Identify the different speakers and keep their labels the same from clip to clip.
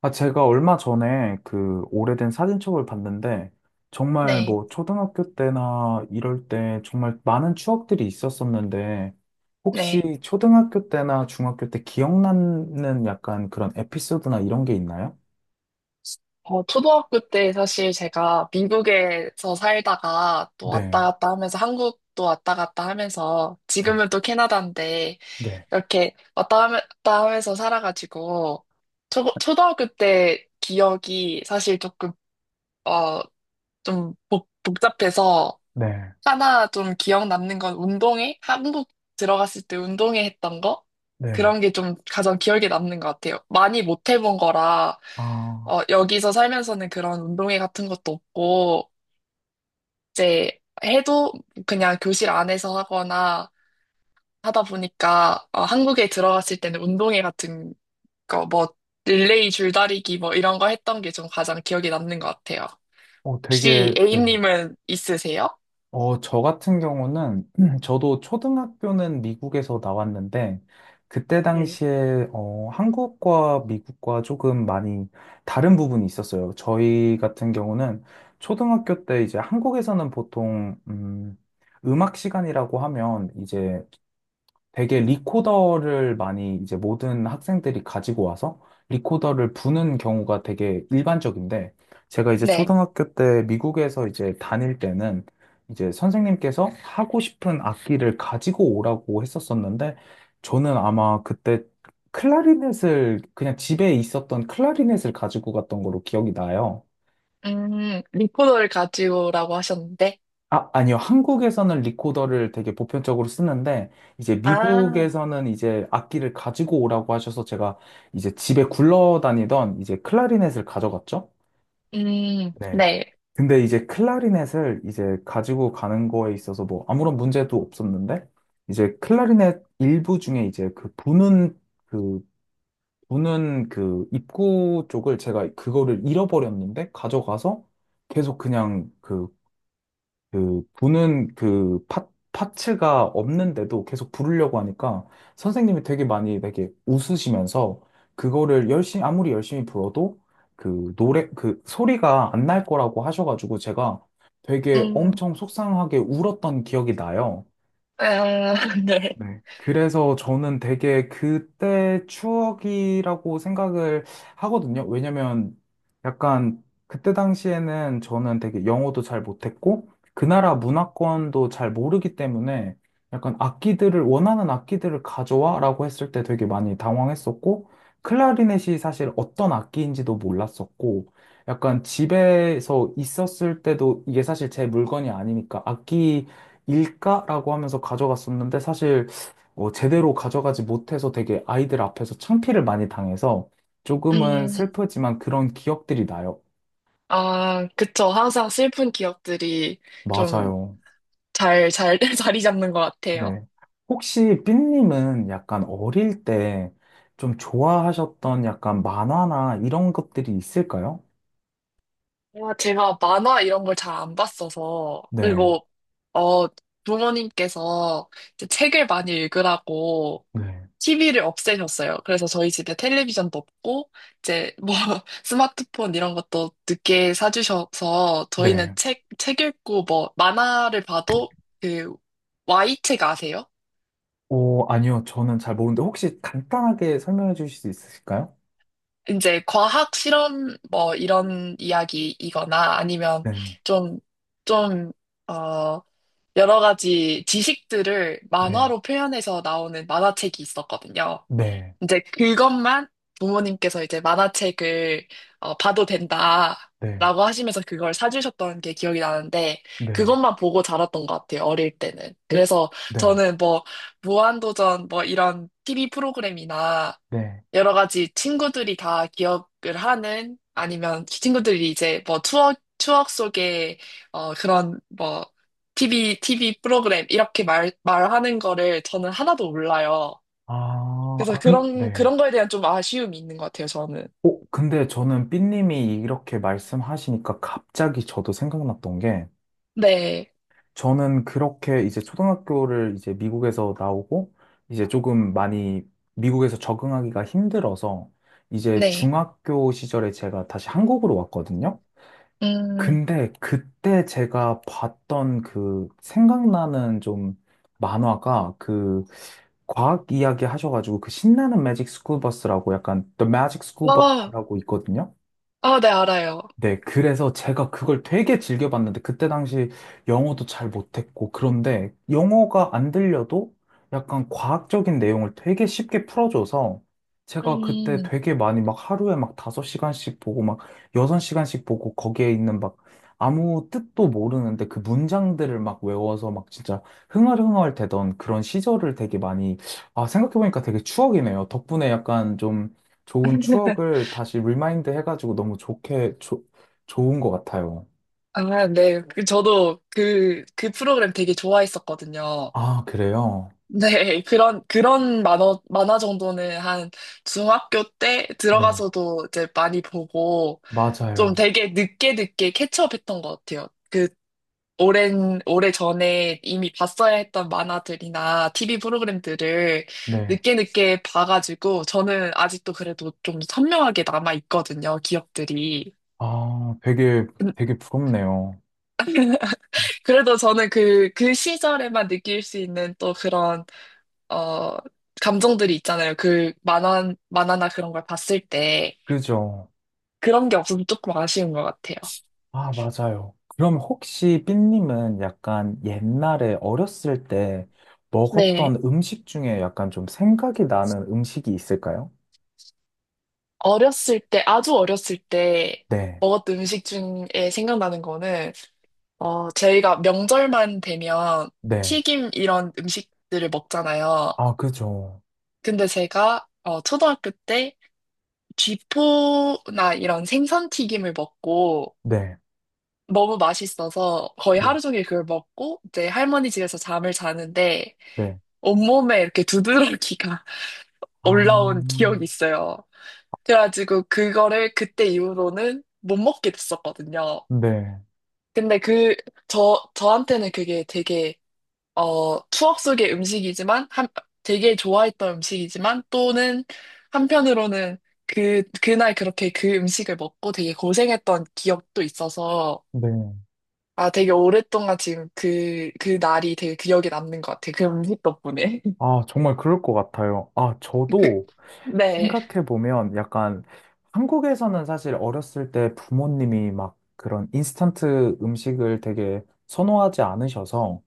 Speaker 1: 아, 제가 얼마 전에 그 오래된 사진첩을 봤는데, 정말
Speaker 2: 네,
Speaker 1: 뭐 초등학교 때나 이럴 때 정말 많은 추억들이 있었었는데,
Speaker 2: 네,
Speaker 1: 혹시 초등학교 때나 중학교 때 기억나는 약간 그런 에피소드나 이런 게 있나요?
Speaker 2: 초등학교 때 사실 제가 미국에서 살다가 또 왔다
Speaker 1: 네,
Speaker 2: 갔다 하면서 한국도 왔다 갔다 하면서
Speaker 1: 네,
Speaker 2: 지금은 또 캐나다인데
Speaker 1: 네,
Speaker 2: 이렇게 갔다 하면서 살아가지고 초등학교 때 기억이 사실 조금, 어, 좀 복잡해서
Speaker 1: 네,
Speaker 2: 하나 좀 기억 남는 건 운동회? 한국 들어갔을 때 운동회 했던 거?
Speaker 1: 네.
Speaker 2: 그런 게 좀 가장 기억에 남는 것 같아요. 많이 못 해본 거라,
Speaker 1: 아,
Speaker 2: 여기서 살면서는 그런 운동회 같은 것도 없고, 이제 해도 그냥 교실 안에서 하거나 하다 보니까, 한국에 들어갔을 때는 운동회 같은 거, 뭐, 릴레이 줄다리기 뭐 이런 거 했던 게 좀 가장 기억에 남는 것 같아요.
Speaker 1: 어,
Speaker 2: 혹시
Speaker 1: 되게, 네.
Speaker 2: A님은 있으세요?
Speaker 1: 저 같은 경우는, 저도 초등학교는 미국에서 나왔는데, 그때
Speaker 2: 네.
Speaker 1: 당시에, 한국과 미국과 조금 많이 다른 부분이 있었어요. 저희 같은 경우는 초등학교 때 이제 한국에서는 보통, 음악 시간이라고 하면 이제 되게 리코더를 많이 이제 모든 학생들이 가지고 와서 리코더를 부는 경우가 되게 일반적인데 제가 이제
Speaker 2: 네.
Speaker 1: 초등학교 때 미국에서 이제 다닐 때는 이제 선생님께서 하고 싶은 악기를 가지고 오라고 했었었는데 저는 아마 그때 클라리넷을 그냥 집에 있었던 클라리넷을 가지고 갔던 걸로 기억이 나요.
Speaker 2: 리포더를 가지고라고 하셨는데,
Speaker 1: 아, 아니요. 한국에서는 리코더를 되게 보편적으로 쓰는데, 이제
Speaker 2: 아,
Speaker 1: 미국에서는 이제 악기를 가지고 오라고 하셔서 제가 이제 집에 굴러다니던 이제 클라리넷을 가져갔죠. 네.
Speaker 2: 네,
Speaker 1: 근데 이제 클라리넷을 이제 가지고 가는 거에 있어서 뭐 아무런 문제도 없었는데, 이제 클라리넷 일부 중에 이제 그, 부는 그 입구 쪽을 제가 그거를 잃어버렸는데, 가져가서 계속 그냥 그 부는 그 파츠가 없는데도 계속 부르려고 하니까 선생님이 되게 많이 되게 웃으시면서 그거를 열심히 아무리 열심히 불어도 그 노래 그 소리가 안 날 거라고 하셔가지고 제가 되게
Speaker 2: 음,
Speaker 1: 엄청 속상하게 울었던 기억이 나요.
Speaker 2: 아, 네,
Speaker 1: 네. 그래서 저는 되게 그때 추억이라고 생각을 하거든요. 왜냐면 약간 그때 당시에는 저는 되게 영어도 잘 못했고 그 나라 문화권도 잘 모르기 때문에 약간 악기들을 원하는 악기들을 가져와라고 했을 때 되게 많이 당황했었고 클라리넷이 사실 어떤 악기인지도 몰랐었고 약간 집에서 있었을 때도 이게 사실 제 물건이 아니니까 악기 일까라고 하면서 가져갔었는데 사실 제대로 가져가지 못해서 되게 아이들 앞에서 창피를 많이 당해서 조금은
Speaker 2: 음,
Speaker 1: 슬프지만 그런 기억들이 나요.
Speaker 2: 아, 그쵸. 항상 슬픈 기억들이 좀
Speaker 1: 맞아요.
Speaker 2: 잘, 자리 잡는 것 같아요.
Speaker 1: 네. 혹시 삐님은 약간 어릴 때 좀 좋아하셨던 약간 만화나 이런 것들이 있을까요?
Speaker 2: 아, 제가 만화 이런 걸 잘 안 봤어서,
Speaker 1: 네.
Speaker 2: 그리고, 어, 부모님께서 이제 책을 많이 읽으라고
Speaker 1: 네.
Speaker 2: TV를 없애셨어요. 그래서 저희 집에 텔레비전도 없고, 이제 뭐 스마트폰 이런 것도 늦게 사주셔서 저희는
Speaker 1: 네.
Speaker 2: 책 읽고 뭐 만화를 봐도 그 Y책 아세요?
Speaker 1: 오, 아니요. 저는 잘 모르는데 혹시 간단하게 설명해 주실 수 있으실까요?
Speaker 2: 이제 과학 실험 뭐 이런 이야기이거나 아니면
Speaker 1: 네.
Speaker 2: 좀, 좀, 어, 여러 가지 지식들을
Speaker 1: 네.
Speaker 2: 만화로 표현해서 나오는 만화책이 있었거든요.
Speaker 1: 네.
Speaker 2: 이제 그것만 부모님께서 이제 만화책을 봐도
Speaker 1: 네.
Speaker 2: 된다라고 하시면서 그걸 사주셨던 게 기억이 나는데
Speaker 1: 네.
Speaker 2: 그것만 보고 자랐던 것 같아요 어릴 때는.
Speaker 1: 오,
Speaker 2: 그래서
Speaker 1: 네.
Speaker 2: 저는 뭐 무한도전 뭐 이런 TV 프로그램이나
Speaker 1: 네.
Speaker 2: 여러 가지 친구들이 다 기억을 하는, 아니면 친구들이 이제 뭐 추억 속에 그런 뭐 TV 프로그램 이렇게 말 말하는 거를 저는 하나도 몰라요.
Speaker 1: 아,
Speaker 2: 그래서
Speaker 1: 아, 네.
Speaker 2: 그런 거에 대한 좀 아쉬움이 있는 것 같아요, 저는.
Speaker 1: 근데 저는 삐님이 이렇게 말씀하시니까 갑자기 저도 생각났던 게,
Speaker 2: 네,
Speaker 1: 저는 그렇게 이제 초등학교를 이제 미국에서 나오고, 이제 조금 많이 미국에서 적응하기가 힘들어서, 이제
Speaker 2: 네.
Speaker 1: 중학교 시절에 제가 다시 한국으로 왔거든요.
Speaker 2: 음,
Speaker 1: 근데 그때 제가 봤던 그 생각나는 좀 만화가 그 과학 이야기 하셔가지고 그 신나는 매직 스쿨 버스라고 약간 The Magic School
Speaker 2: 아,
Speaker 1: Bus라고 있거든요.
Speaker 2: 아, 네, 알아요.
Speaker 1: 네, 그래서 제가 그걸 되게 즐겨봤는데, 그때 당시 영어도 잘 못했고, 그런데 영어가 안 들려도 약간 과학적인 내용을 되게 쉽게 풀어줘서, 제가 그때
Speaker 2: 음,
Speaker 1: 되게 많이 막 하루에 막섯시간씩 보고, 막섯시간씩 보고, 거기에 있는 막 아무 뜻도 모르는데 그 문장들을 막 외워서 막 진짜 흥얼흥얼 되던 그런 시절을 되게 많이, 아, 생각해보니까 되게 추억이네요. 덕분에 약간 좀 좋은 추억을 다시 리마인드 해가지고 너무 좋게, 좋은 것 같아요.
Speaker 2: 아, 네. 그 저도 그 프로그램 되게 좋아했었거든요.
Speaker 1: 아, 그래요?
Speaker 2: 네, 그런 만화 정도는 한 중학교 때
Speaker 1: 네,
Speaker 2: 들어가서도 이제 많이 보고 좀
Speaker 1: 맞아요.
Speaker 2: 되게 늦게 늦게 캐치업했던 것 같아요. 그 오래 전에 이미 봤어야 했던 만화들이나 TV 프로그램들을
Speaker 1: 네.
Speaker 2: 늦게 봐가지고 저는 아직도 그래도 좀 선명하게 남아있거든요, 기억들이.
Speaker 1: 아, 되게,
Speaker 2: 음,
Speaker 1: 되게 부럽네요.
Speaker 2: 그래도 저는 그 시절에만 느낄 수 있는 또 그런, 어, 감정들이 있잖아요. 그 만화나 그런 걸 봤을 때
Speaker 1: 그죠?
Speaker 2: 그런 게 없으면 조금 아쉬운 것 같아요.
Speaker 1: 아, 맞아요. 그럼 혹시 삐님은 약간 옛날에 어렸을 때 먹었던
Speaker 2: 네.
Speaker 1: 음식 중에 약간 좀 생각이 나는 음식이 있을까요?
Speaker 2: 어렸을 때, 아주 어렸을 때
Speaker 1: 네,
Speaker 2: 먹었던 음식 중에 생각나는 거는 저희가 명절만 되면
Speaker 1: 네.
Speaker 2: 튀김 이런 음식들을 먹잖아요.
Speaker 1: 아, 그죠.
Speaker 2: 근데 제가 초등학교 때 쥐포나 이런 생선 튀김을 먹고
Speaker 1: 네,
Speaker 2: 너무 맛있어서 거의
Speaker 1: 네,
Speaker 2: 하루 종일 그걸 먹고 이제 할머니 집에서 잠을 자는데
Speaker 1: 네.
Speaker 2: 온몸에 이렇게 두드러기가
Speaker 1: 아,
Speaker 2: 올라온 기억이 있어요. 그래가지고 그거를 그때 이후로는 못 먹게 됐었거든요.
Speaker 1: 네,
Speaker 2: 근데 그, 저한테는 그게 되게 추억 속의 음식이지만, 한, 되게 좋아했던 음식이지만, 또는 한편으로는 그, 그날 그렇게 그 음식을 먹고 되게 고생했던 기억도 있어서,
Speaker 1: 네.
Speaker 2: 아, 되게 오랫동안 지금 그 날이 되게 기억에 남는 것 같아요. 그 음식 덕분에.
Speaker 1: 아, 정말 그럴 것 같아요. 아, 저도
Speaker 2: 네,
Speaker 1: 생각해보면 약간 한국에서는 사실 어렸을 때 부모님이 막 그런 인스턴트 음식을 되게 선호하지 않으셔서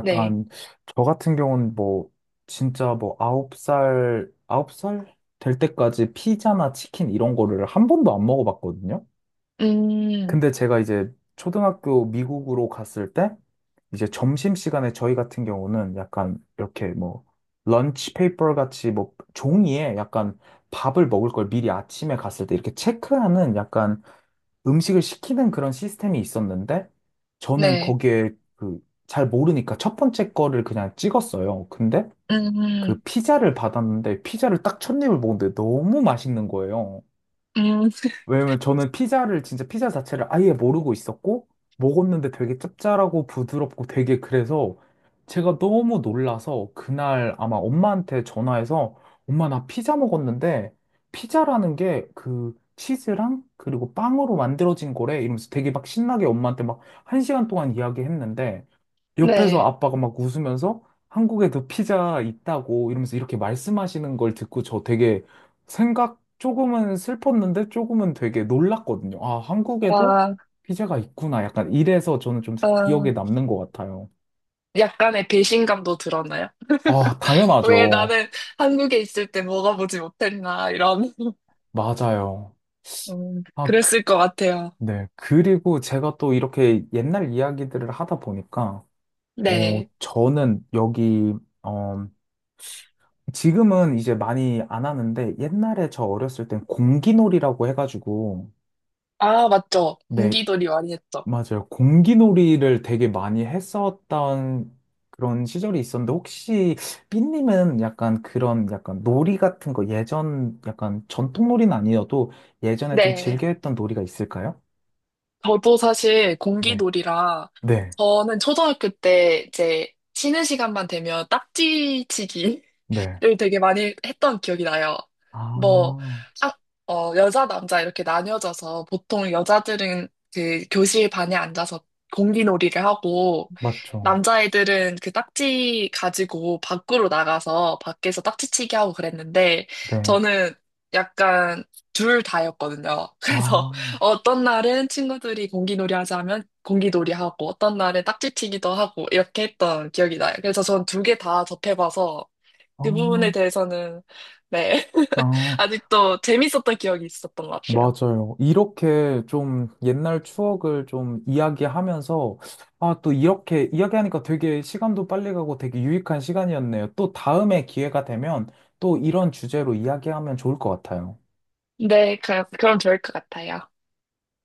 Speaker 2: 네.
Speaker 1: 저 같은 경우는 뭐 진짜 뭐 아홉 살 될 때까지 피자나 치킨 이런 거를 한 번도 안 먹어봤거든요.
Speaker 2: 음,
Speaker 1: 근데 제가 이제 초등학교 미국으로 갔을 때 이제 점심시간에 저희 같은 경우는 약간 이렇게 뭐 런치 페이퍼 같이 뭐 종이에 약간 밥을 먹을 걸 미리 아침에 갔을 때 이렇게 체크하는 약간 음식을 시키는 그런 시스템이 있었는데 저는
Speaker 2: 네.
Speaker 1: 거기에 그 잘 모르니까 첫 번째 거를 그냥 찍었어요. 근데
Speaker 2: 음,
Speaker 1: 그 피자를 받았는데 피자를 딱 첫 입을 먹는데 너무 맛있는 거예요.
Speaker 2: 음,
Speaker 1: 왜냐면 저는 피자를 진짜 피자 자체를 아예 모르고 있었고 먹었는데 되게 짭짤하고 부드럽고 되게 그래서 제가 너무 놀라서 그날 아마 엄마한테 전화해서 엄마 나 피자 먹었는데 피자라는 게 그 치즈랑 그리고 빵으로 만들어진 거래 이러면서 되게 막 신나게 엄마한테 막 1시간 동안 이야기했는데 옆에서
Speaker 2: 네.
Speaker 1: 아빠가 막 웃으면서 한국에도 피자 있다고 이러면서 이렇게 말씀하시는 걸 듣고 저 되게 생각 조금은 슬펐는데 조금은 되게 놀랐거든요. 아, 한국에도
Speaker 2: 아,
Speaker 1: 피자가 있구나. 약간 이래서 저는 좀
Speaker 2: 아.
Speaker 1: 기억에 남는 것 같아요.
Speaker 2: 약간의 배신감도 들었나요?
Speaker 1: 아,
Speaker 2: 왜
Speaker 1: 당연하죠.
Speaker 2: 나는 한국에 있을 때 먹어보지 못했나, 이런.
Speaker 1: 맞아요. 아,
Speaker 2: 그랬을 것 같아요.
Speaker 1: 네. 그리고 제가 또 이렇게 옛날 이야기들을 하다 보니까,
Speaker 2: 네.
Speaker 1: 저는 여기, 어, 지금은 이제 많이 안 하는데, 옛날에 저 어렸을 땐 공기놀이라고 해가지고,
Speaker 2: 아, 맞죠.
Speaker 1: 네,
Speaker 2: 공기놀이 많이 했죠.
Speaker 1: 맞아요. 공기놀이를 되게 많이 했었던 그런 시절이 있었는데 혹시 삐님은 약간 그런 약간 놀이 같은 거 예전 약간 전통 놀이는 아니어도 예전에 좀
Speaker 2: 네.
Speaker 1: 즐겨 했던 놀이가 있을까요?
Speaker 2: 저도 사실
Speaker 1: 네.
Speaker 2: 공기놀이라.
Speaker 1: 네.
Speaker 2: 저는 초등학교 때 이제 쉬는 시간만 되면 딱지치기
Speaker 1: 네.
Speaker 2: 를 되게 많이 했던 기억이 나요. 뭐,
Speaker 1: 아,
Speaker 2: 학, 여자, 남자 이렇게 나뉘어져서 보통 여자들은 그 교실 반에 앉아서 공기놀이를 하고,
Speaker 1: 맞죠.
Speaker 2: 남자애들은 그 딱지 가지고 밖으로 나가서 밖에서 딱지치기 하고 그랬는데,
Speaker 1: 네.
Speaker 2: 저는 약간 둘 다였거든요. 그래서
Speaker 1: 아,
Speaker 2: 어떤 날은 친구들이 공기놀이 하자면 공기놀이 하고, 어떤 날은 딱지치기도 하고, 이렇게 했던 기억이 나요. 그래서 전 두 개 다 접해봐서,
Speaker 1: 아,
Speaker 2: 그 부분에 대해서는, 네.
Speaker 1: 아.
Speaker 2: 아직도 재밌었던 기억이 있었던 것 같아요.
Speaker 1: 맞아요. 이렇게 좀 옛날 추억을 좀 이야기하면서, 아, 또 이렇게 이야기하니까 되게 시간도 빨리 가고 되게 유익한 시간이었네요. 또 다음에 기회가 되면 또 이런 주제로 이야기하면 좋을 것 같아요.
Speaker 2: 네, 그, 그럼 좋을 것 같아요.